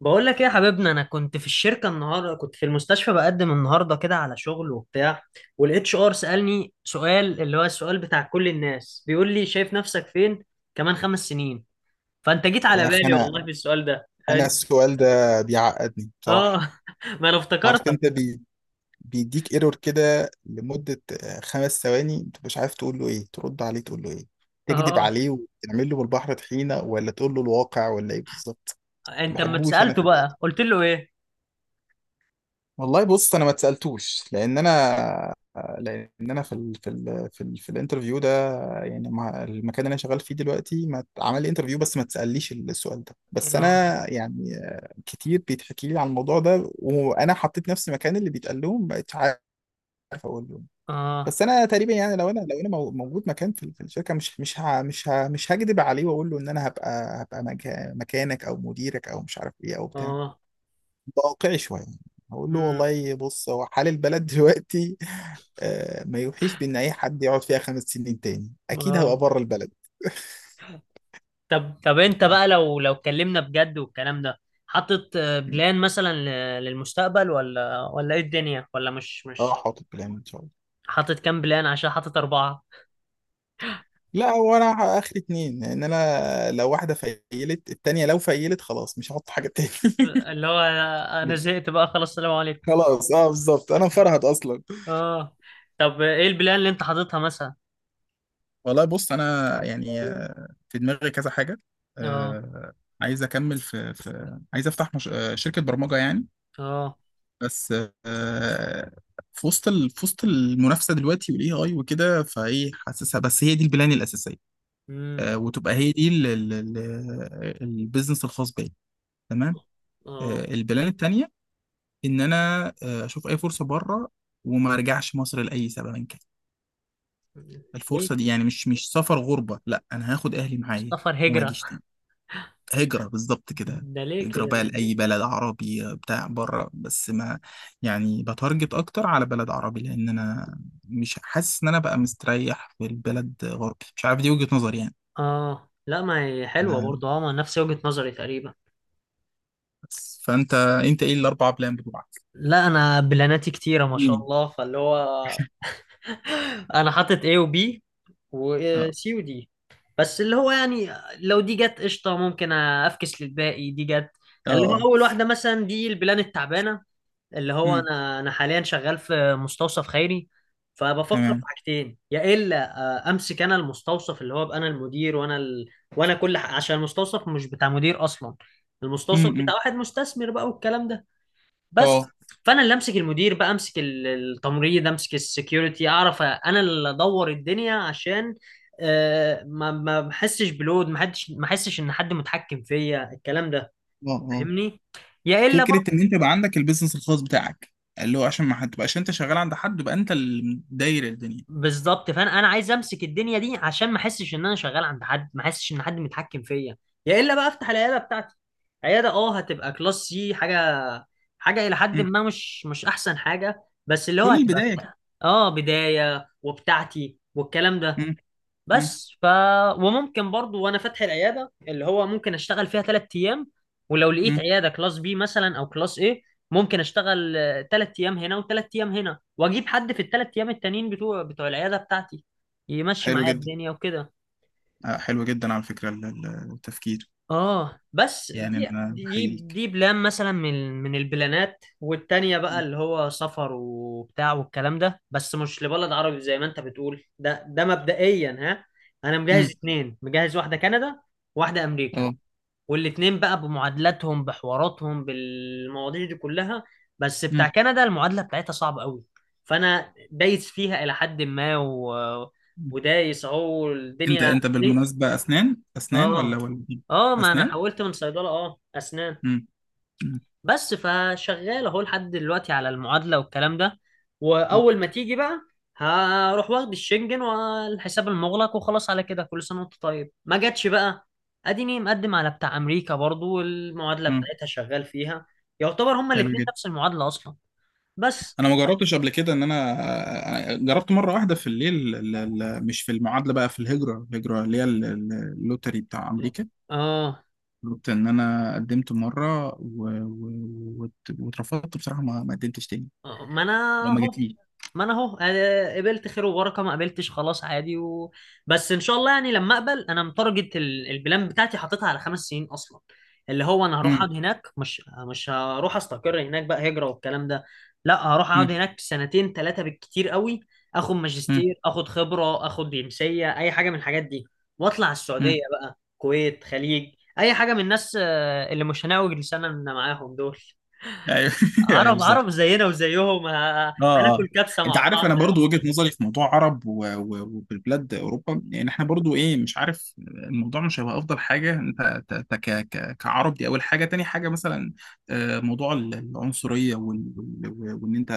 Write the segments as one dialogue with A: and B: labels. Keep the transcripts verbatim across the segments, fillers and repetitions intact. A: بقول لك ايه يا حبيبنا، انا كنت في الشركه النهارده، كنت في المستشفى بقدم النهارده كده على شغل وبتاع. والاتش ار سالني سؤال، اللي هو السؤال بتاع كل الناس، بيقول لي شايف نفسك فين كمان خمس سنين؟ فانت جيت على
B: يا اخي
A: بالي
B: انا
A: والله في السؤال ده.
B: انا
A: أنت-
B: السؤال ده بيعقدني
A: اه
B: بصراحه.
A: ما انا
B: عارف
A: افتكرتك.
B: انت بي بيديك ايرور كده لمده آه، خمس ثواني. انت مش عارف تقول له ايه، ترد عليه تقول له ايه، تكذب
A: اه.
B: عليه وتعمل له بالبحر طحينه ولا تقول له الواقع ولا ايه بالظبط. ما
A: انت اما
B: بحبوش انا
A: اتسالته
B: في.
A: بقى قلت له ايه؟
B: والله بص، انا ما اتسالتوش لان انا لان انا في ال في ال في, ال في الانترفيو ده. يعني ما المكان اللي انا شغال فيه دلوقتي ما عمل لي انترفيو، بس ما تساليش السؤال ده. بس انا
A: اه.
B: يعني آه، كتير بيتحكي لي عن الموضوع ده، وانا حطيت نفسي مكان اللي بيتقال لهم ما بقتش عارف اقول لهم.
A: اه.
B: بس انا تقريبا يعني لو انا لو انا مو- موجود مكان في ال- في الشركه، مش مش ه- مش ه- مش هكدب عليه واقول له ان انا هبقى هبقى مكا- مكانك او مديرك او مش عارف ايه او بتاع.
A: اه.
B: واقعي شويه، اقول له
A: امم.
B: والله بص، هو حال البلد دلوقتي آه، ما يوحيش بان اي حد يقعد فيها خمس سنين تاني. اكيد
A: اه.
B: هبقى بره البلد.
A: طب طب انت
B: اه.
A: بقى لو لو اتكلمنا بجد والكلام ده. حاطط آه،
B: م.
A: بلان مثلا، ل- للمستقبل ولا ولا ايه الدنيا؟ ولا مش
B: آه،
A: مش
B: حاطط بلان ان شاء الله.
A: حاطط كام بلان عشان حاطط أربعة؟
B: لا، هو انا اخر اتنين، ان انا لو واحده فيلت التانيه لو فيلت خلاص مش هحط حاجه تاني.
A: اللي هو انا زهقت بقى خلاص، السلام عليكم.
B: خلاص، اه بالظبط، انا مفرهد اصلا.
A: اه. طب ايه البلان اللي انت حاططها مثلا؟
B: والله بص، انا يعني آه، في دماغي كذا حاجه.
A: اه.
B: آه، عايز اكمل في في عايز افتح مش... آه، شركه برمجه يعني.
A: اه.
B: بس آه، في وسط ال- في وسط المنافسه دلوقتي والاي اي وكده، فايه حاسسها. بس هي دي البلان الاساسيه،
A: امم.
B: آه، وتبقى هي دي ال- ال- ال- البيزنس الخاص بيا. تمام.
A: اه.
B: آه، البلان التانيه ان انا آه، اشوف اي فرصه بره وما ارجعش مصر لاي سبب كان.
A: ليه؟
B: الفرصه دي يعني مش مش سفر غربه، لا، انا هاخد اهلي معايا
A: سفر
B: وما
A: هجرة؟
B: اجيش تاني. هجرة بالظبط كده،
A: ده ليه
B: هجرة
A: كده؟
B: بقى لأي بلد عربي بتاع بره. بس ما يعني، بتارجت أكتر على بلد عربي لأن أنا مش حاسس إن أنا بقى مستريح في البلد غربي. مش عارف، دي وجهة نظري يعني.
A: اه، لا، ما هي حلوة برضو. اه، ما نفس وجهة نظري تقريبا.
B: بس فأنت أنت إيه الأربع بلان بتوعك؟
A: لا انا بلاناتي كتيرة ما شاء
B: اديني.
A: الله، فاللي هو انا حاطط A و B و
B: اه،
A: C و D. بس اللي هو يعني لو دي جت قشطه ممكن افكس للباقي دي جت. اللي
B: اه،
A: هو اول واحده مثلا دي البلان التعبانه، اللي هو
B: امم،
A: انا انا حاليا شغال في مستوصف خيري. فبفكر في
B: تمام،
A: حاجتين، يا الا آه، امسك انا المستوصف، اللي هو ابقى انا المدير وانا ال... وانا كل ح... عشان المستوصف مش بتاع مدير اصلا، المستوصف بتاع
B: امم،
A: واحد مستثمر بقى والكلام ده. بس،
B: اه،
A: فانا اللي امسك المدير بقى، امسك ال- التمريض، امسك السكيورتي، اعرف انا اللي ادور الدنيا، عشان آه، ما ما بحسش بلود، ما حدش، ما احسش ان حد متحكم فيا الكلام ده.
B: اه، اه.
A: فاهمني. يا الا.
B: فكره ان انت يبقى عندك البيزنس الخاص بتاعك، اللي هو عشان ما هتبقاش انت شغال عند حد، يبقى انت اللي داير الدنيا.
A: بالظبط، فانا انا عايز امسك الدنيا دي عشان ما احسش ان انا شغال عند حد، ما احسش ان حد متحكم فيا. يا الا بقى افتح العياده بتاعتي، عياده اه هتبقى كلاس سي حاجه، حاجه الى حد
B: امم،
A: ما مش مش احسن حاجه بس اللي هو
B: كل
A: هتبقى
B: البدايه كده.
A: بتاع. اه، بدايه وبتاعتي والكلام ده. بس ف وممكن برضو، وانا فاتح العياده، اللي هو ممكن اشتغل فيها ثلاث ايام. ولو لقيت
B: امم،
A: عياده كلاس بي مثلا او كلاس ايه، ممكن اشتغل ثلاث ايام هنا وثلاث ايام هنا، واجيب حد في الثلاث ايام التانيين بتوع بتوع العياده بتاعتي يمشي
B: حلو
A: معايا
B: جدا.
A: الدنيا وكده.
B: آه، حلو جدا على فكرة ال- ال- التفكير.
A: اه، بس
B: يعني
A: دي
B: أنا
A: دي
B: بحييك.
A: دي بلان مثلا من من البلانات، والتانية بقى اللي هو سفر وبتاع والكلام ده، بس مش لبلد عربي زي ما انت بتقول. ده ده مبدئيا ها. انا مجهز
B: امم،
A: اتنين، مجهز واحدة كندا وواحدة امريكا،
B: اه،
A: والاتنين بقى بمعادلاتهم بحواراتهم بالمواضيع دي كلها. بس بتاع
B: امم.
A: كندا المعادلة بتاعتها صعبة قوي، فانا دايس فيها الى حد ما و... ودايس اهو
B: أنت
A: الدنيا.
B: أنت بالمناسبة، أسنان أسنان ولا
A: اه.
B: ولا إيه؟
A: اه، ما انا
B: أسنان.
A: حولت من صيدله اه اسنان.
B: امم،
A: بس فشغال اهو لحد دلوقتي على المعادله والكلام ده. واول ما تيجي بقى هروح واخد الشنجن والحساب المغلق، وخلاص على كده كل سنه وانت طيب. ما جاتش بقى، اديني مقدم على بتاع امريكا برضو والمعادله
B: امم.
A: بتاعتها شغال فيها. يعتبر هما
B: حلو
A: الاتنين
B: جدا.
A: نفس المعادله اصلا. بس
B: أنا ما جربتش قبل كده إن أنا آه، جربت مرة واحدة في الليل ال- ال- مش في المعادلة بقى، في الهجرة الهجرة اللي هي ال- ال- اللوتري بتاع أمريكا.
A: اه
B: جربت إن أنا قدمت مرة و... و... وات- واترفضت بصراحة. ما ما قدمتش تاني
A: آه، ما انا
B: أو ما
A: اهو
B: جاتليش.
A: ما انا اهو آه، قبلت خير وبركه، ما قبلتش خلاص عادي و... بس ان شاء الله يعني، لما اقبل، انا متارجت ال- البلان بتاعتي حاططها على خمس سنين اصلا. اللي هو انا هروح اقعد
B: امم،
A: هناك، مش مش هروح استقر هناك بقى هجره والكلام ده. لا هروح اقعد هناك سنتين ثلاثه بالكتير قوي، اخد ماجستير، اخد خبره، اخد جنسيه، اي حاجه من الحاجات دي. واطلع السعوديه
B: امم،
A: بقى، كويت، خليج، اي حاجه من الناس آه، اللي مش هنعوج لساننا معاهم دول.
B: ايوه ايوه
A: عرب عرب
B: بالظبط.
A: زينا وزيهم، ه-
B: اه،
A: هناكل
B: اه.
A: كبسه
B: انت
A: مع
B: عارف
A: بعض.
B: انا برضو وجهة نظري في موضوع عرب و- و- وبلاد اوروبا، يعني احنا برضو ايه، مش عارف. الموضوع مش هيبقى افضل حاجه انت ت- ت- ك- ك- كعرب. دي اول حاجه. تاني حاجه مثلا آه، موضوع ال- العنصريه وال- وال- وان انت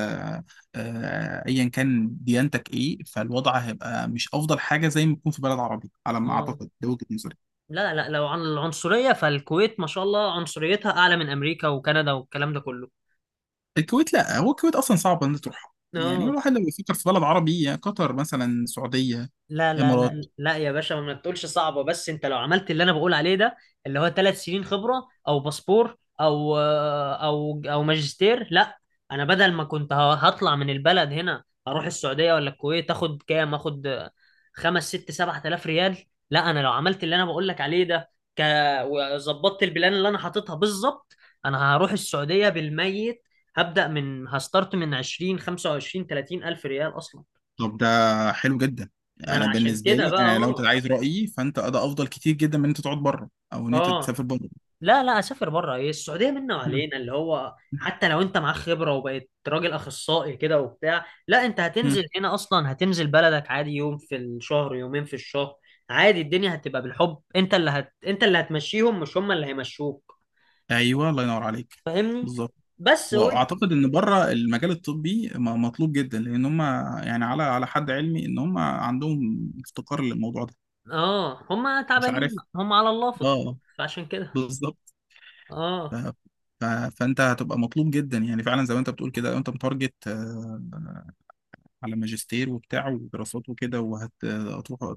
B: آه، ايا كان ديانتك ايه، فالوضع هيبقى مش افضل حاجه زي ما يكون في بلد عربي على ما
A: آه.
B: اعتقد، ده وجهة نظري.
A: لا، لا لو عن العنصرية فالكويت ما شاء الله عنصريتها أعلى من أمريكا وكندا والكلام ده كله.
B: الكويت، لا هو الكويت اصلا صعب ان تروحها. يعني
A: اه،
B: الواحد لو يفكر في بلد عربي يا قطر مثلا، سعوديه،
A: لا لا
B: امارات.
A: لا لا يا باشا، ما تقولش صعبة، بس انت لو عملت اللي انا بقول عليه ده، اللي هو ثلاث سنين خبرة او باسبور او او او ماجستير، لا. انا بدل ما كنت ه- هطلع من البلد هنا اروح السعودية ولا الكويت، اخد كام، اخد خمس ست سبعة آلاف ريال. لا انا لو عملت اللي انا بقول لك عليه ده، ك... وظبطت البلان اللي انا حاططها بالظبط، انا هروح السعودية بالميت، هبدأ من هستارت من عشرين خمسة وعشرين تلاتين الف ريال اصلا.
B: طب ده حلو جدا.
A: ما
B: انا
A: انا عشان
B: بالنسبه
A: كده
B: لي،
A: بقى.
B: انا لو انت
A: اه.
B: عايز رايي فانت ده افضل كتير جدا من ان انت تقعد بره او ان انت
A: اه،
B: تسافر بره.
A: لا لا، اسافر بره ايه، السعوديه منا
B: مم.
A: وعلينا، اللي هو حتى لو انت معاك خبره وبقيت راجل اخصائي كده وبتاع، لا انت
B: مم.
A: هتنزل هنا اصلا، هتنزل بلدك عادي، يوم في الشهر يومين في الشهر. عادي الدنيا هتبقى بالحب، انت اللي هت... انت اللي هتمشيهم مش هم اللي هيمشوك.
B: ايوه، الله ينور عليك.
A: فاهمني.
B: بالظبط.
A: بس و...
B: واعتقد ان بره المجال الطبي م- مطلوب جدا، لان هم يعني على على حد علمي ان هم عندهم افتقار للموضوع ده.
A: اه هم
B: مش
A: تعبانين،
B: عارف.
A: هم على الله فطل.
B: اه.
A: فعشان كده.
B: بالظبط. ف...
A: اه.
B: ف... فانت هتبقى مطلوب جدا، يعني فعلا زي ما انت بتقول كده. لو انت متارجت آه، على ماجستير وبتاع ودراسات وكده، وهتروح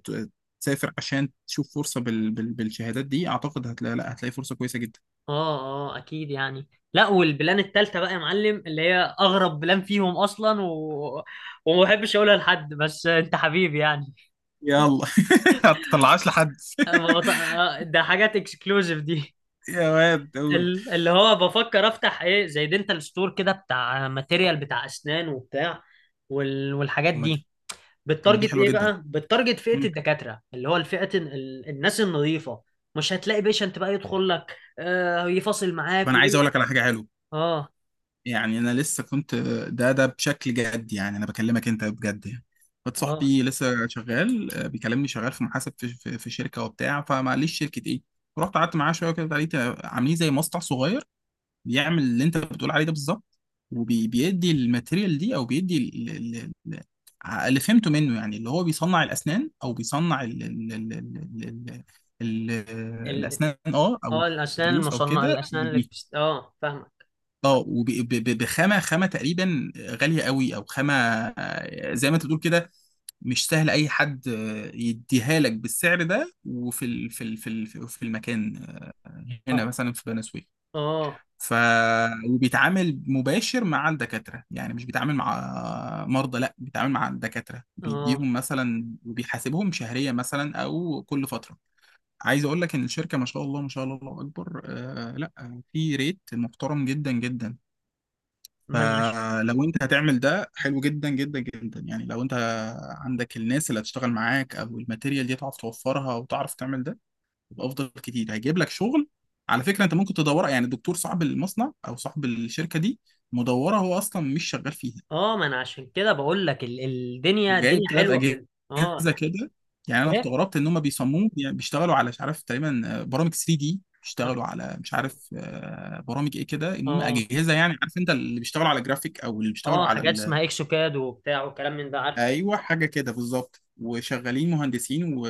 B: تسافر عشان تشوف فرصه بال... بال... بالشهادات دي، اعتقد هتلاقي. لا، هتلاقي فرصه كويسه جدا.
A: اه. اه، اكيد يعني. لا، والبلان التالتة بقى يا معلم اللي هي اغرب بلان فيهم اصلا و... وما بحبش اقولها لحد بس انت حبيبي يعني.
B: يلا. هتطلعهاش لحد.
A: أه، ما بط... آه، ده حاجات اكسكلوزيف دي.
B: يا واد قول.
A: ال- اللي هو بفكر افتح ايه زي دنتال ستور كده، بتاع ماتيريال بتاع اسنان وبتاع وال... والحاجات
B: طب ما
A: دي،
B: دي طب ما دي
A: بالتارجت
B: حلوه
A: ايه
B: جدا.
A: بقى؟ بالتارجت فئة
B: مم.
A: الدكاترة، اللي هو الفئة ال... الناس النظيفة. مش هتلاقي بيشنت بقى يدخل لك آه يفاصل
B: طب
A: معاك
B: انا عايز
A: ويقول لك.
B: اقول لك على حاجه حلوه.
A: اه.
B: يعني انا لسه كنت، ده ده بشكل جد، يعني انا بكلمك انت بجد يعني. واحد
A: اه.
B: صاحبي لسه شغال آه، بيكلمني، شغال في محاسب في في, في شركه وبتاع. فمعليش شركه ايه؟ رحت قعدت معاه شويه كده، لقيت عاملين زي مصنع صغير بيعمل اللي انت بتقول عليه ده بالظبط. وبيدي الماتيريال دي او بيدي ال- ال- ال- ع- اللي فهمته منه، يعني اللي هو بيصنع الاسنان او بيصنع ال ال ال ال ال ال
A: ال-
B: الاسنان اه، او
A: اه الاسنان
B: الضروس او
A: المصنعه،
B: كده.
A: الاسنان اللي بتست... اه فاهمك.
B: اه، وبخامه، خامه تقريبا غاليه قوي او خامه آه، زي ما انت بتقول كده. مش سهل اي حد آه، يديها لك بالسعر ده، وفي ال في ال في ال في المكان آه، هنا
A: اه.
B: مثلا في بني سويف.
A: اه.
B: ف وبيتعامل مباشر مع الدكاتره، يعني مش بيتعامل مع مرضى، لا بيتعامل مع الدكاتره،
A: اه،
B: بيديهم مثلا وبيحاسبهم شهريا مثلا او كل فتره. عايز اقول لك ان الشركه ما شاء الله، ما شاء الله، الله اكبر، آه، لا في ريت محترم جدا جدا.
A: ما انا عشان
B: فلو انت هتعمل ده حلو جدا جدا جدا يعني. لو انت عندك الناس اللي هتشتغل معاك او الماتيريال دي تعرف توفرها وتعرف تعمل ده، يبقى افضل كتير، هيجيب لك شغل. على فكره انت ممكن تدورها، يعني الدكتور صاحب المصنع او صاحب الشركه دي مدوره هو اصلا مش شغال فيها.
A: اه ما انا عشان كده بقول لك ال... الدنيا
B: وجايب
A: الدنيا
B: ثلاث
A: حلوه في ال... اه.
B: اجهزه كده. يعني انا
A: ايه.
B: استغربت ان هم بيصمموا، يعني بيشتغلوا على مش عارف تقريبا آه، برامج ثري دي،
A: اه.
B: بيشتغلوا على مش عارف آه، برامج ايه كده. المهم
A: اه.
B: اجهزه يعني، عارف انت اللي بيشتغلوا على جرافيك او اللي بيشتغلوا
A: آه،
B: على
A: حاجات
B: ال
A: اسمها اكسوكاد وبتاع وكلام من ده عارفه.
B: ايوه، حاجه كده بالظبط، وشغالين مهندسين و...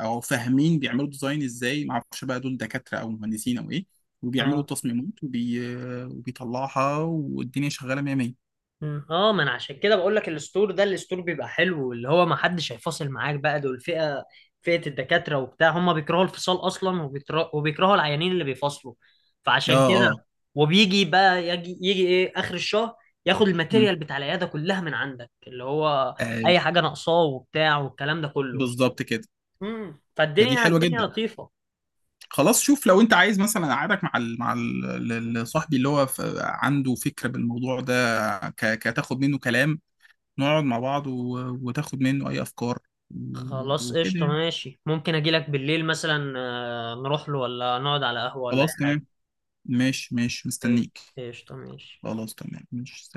B: او فاهمين بيعملوا ديزاين ازاي. ما اعرفش بقى دول دكاتره او مهندسين او ايه. وبيعملوا
A: اه.
B: التصميمات وبي... وبيطلعها، والدنيا شغاله ميه ميه.
A: مم. اه، ما انا عشان كده بقول لك الستور ده الستور بيبقى حلو، اللي هو ما حدش هيفاصل معاك بقى، دول فئة فئة الدكاترة وبتاع، هم بيكرهوا الفصال اصلا، وبيتر- وبيكرهوا العيانين اللي بيفصلوا.
B: اه،
A: فعشان
B: اه.
A: كده. وبيجي بقى يجي يجي ايه اخر الشهر، ياخد
B: مم.
A: الماتيريال بتاع العيادة كلها من عندك، اللي هو
B: اي،
A: اي حاجة ناقصاه وبتاع والكلام ده كله.
B: بالظبط كده.
A: مم.
B: فدي
A: فالدنيا
B: حلوه
A: الدنيا
B: جدا.
A: لطيفة.
B: خلاص شوف، لو انت عايز مثلا اقعدك مع ال... مع ال... ال- ال- صاحبي اللي هو ف... عنده فكره بالموضوع ده، ك... كتاخد منه كلام، نقعد مع بعض و... وتاخد منه اي افكار و...
A: خلاص
B: وكده
A: قشطة
B: يعني.
A: ماشي، ممكن اجي لك بالليل مثلا، آه، نروح له ولا نقعد على قهوة ولا اي
B: خلاص
A: حاجة.
B: تمام، ماشي ماشي
A: إيه،
B: مستنيك.
A: قشطة ماشي.
B: خلاص تمام، ماشي.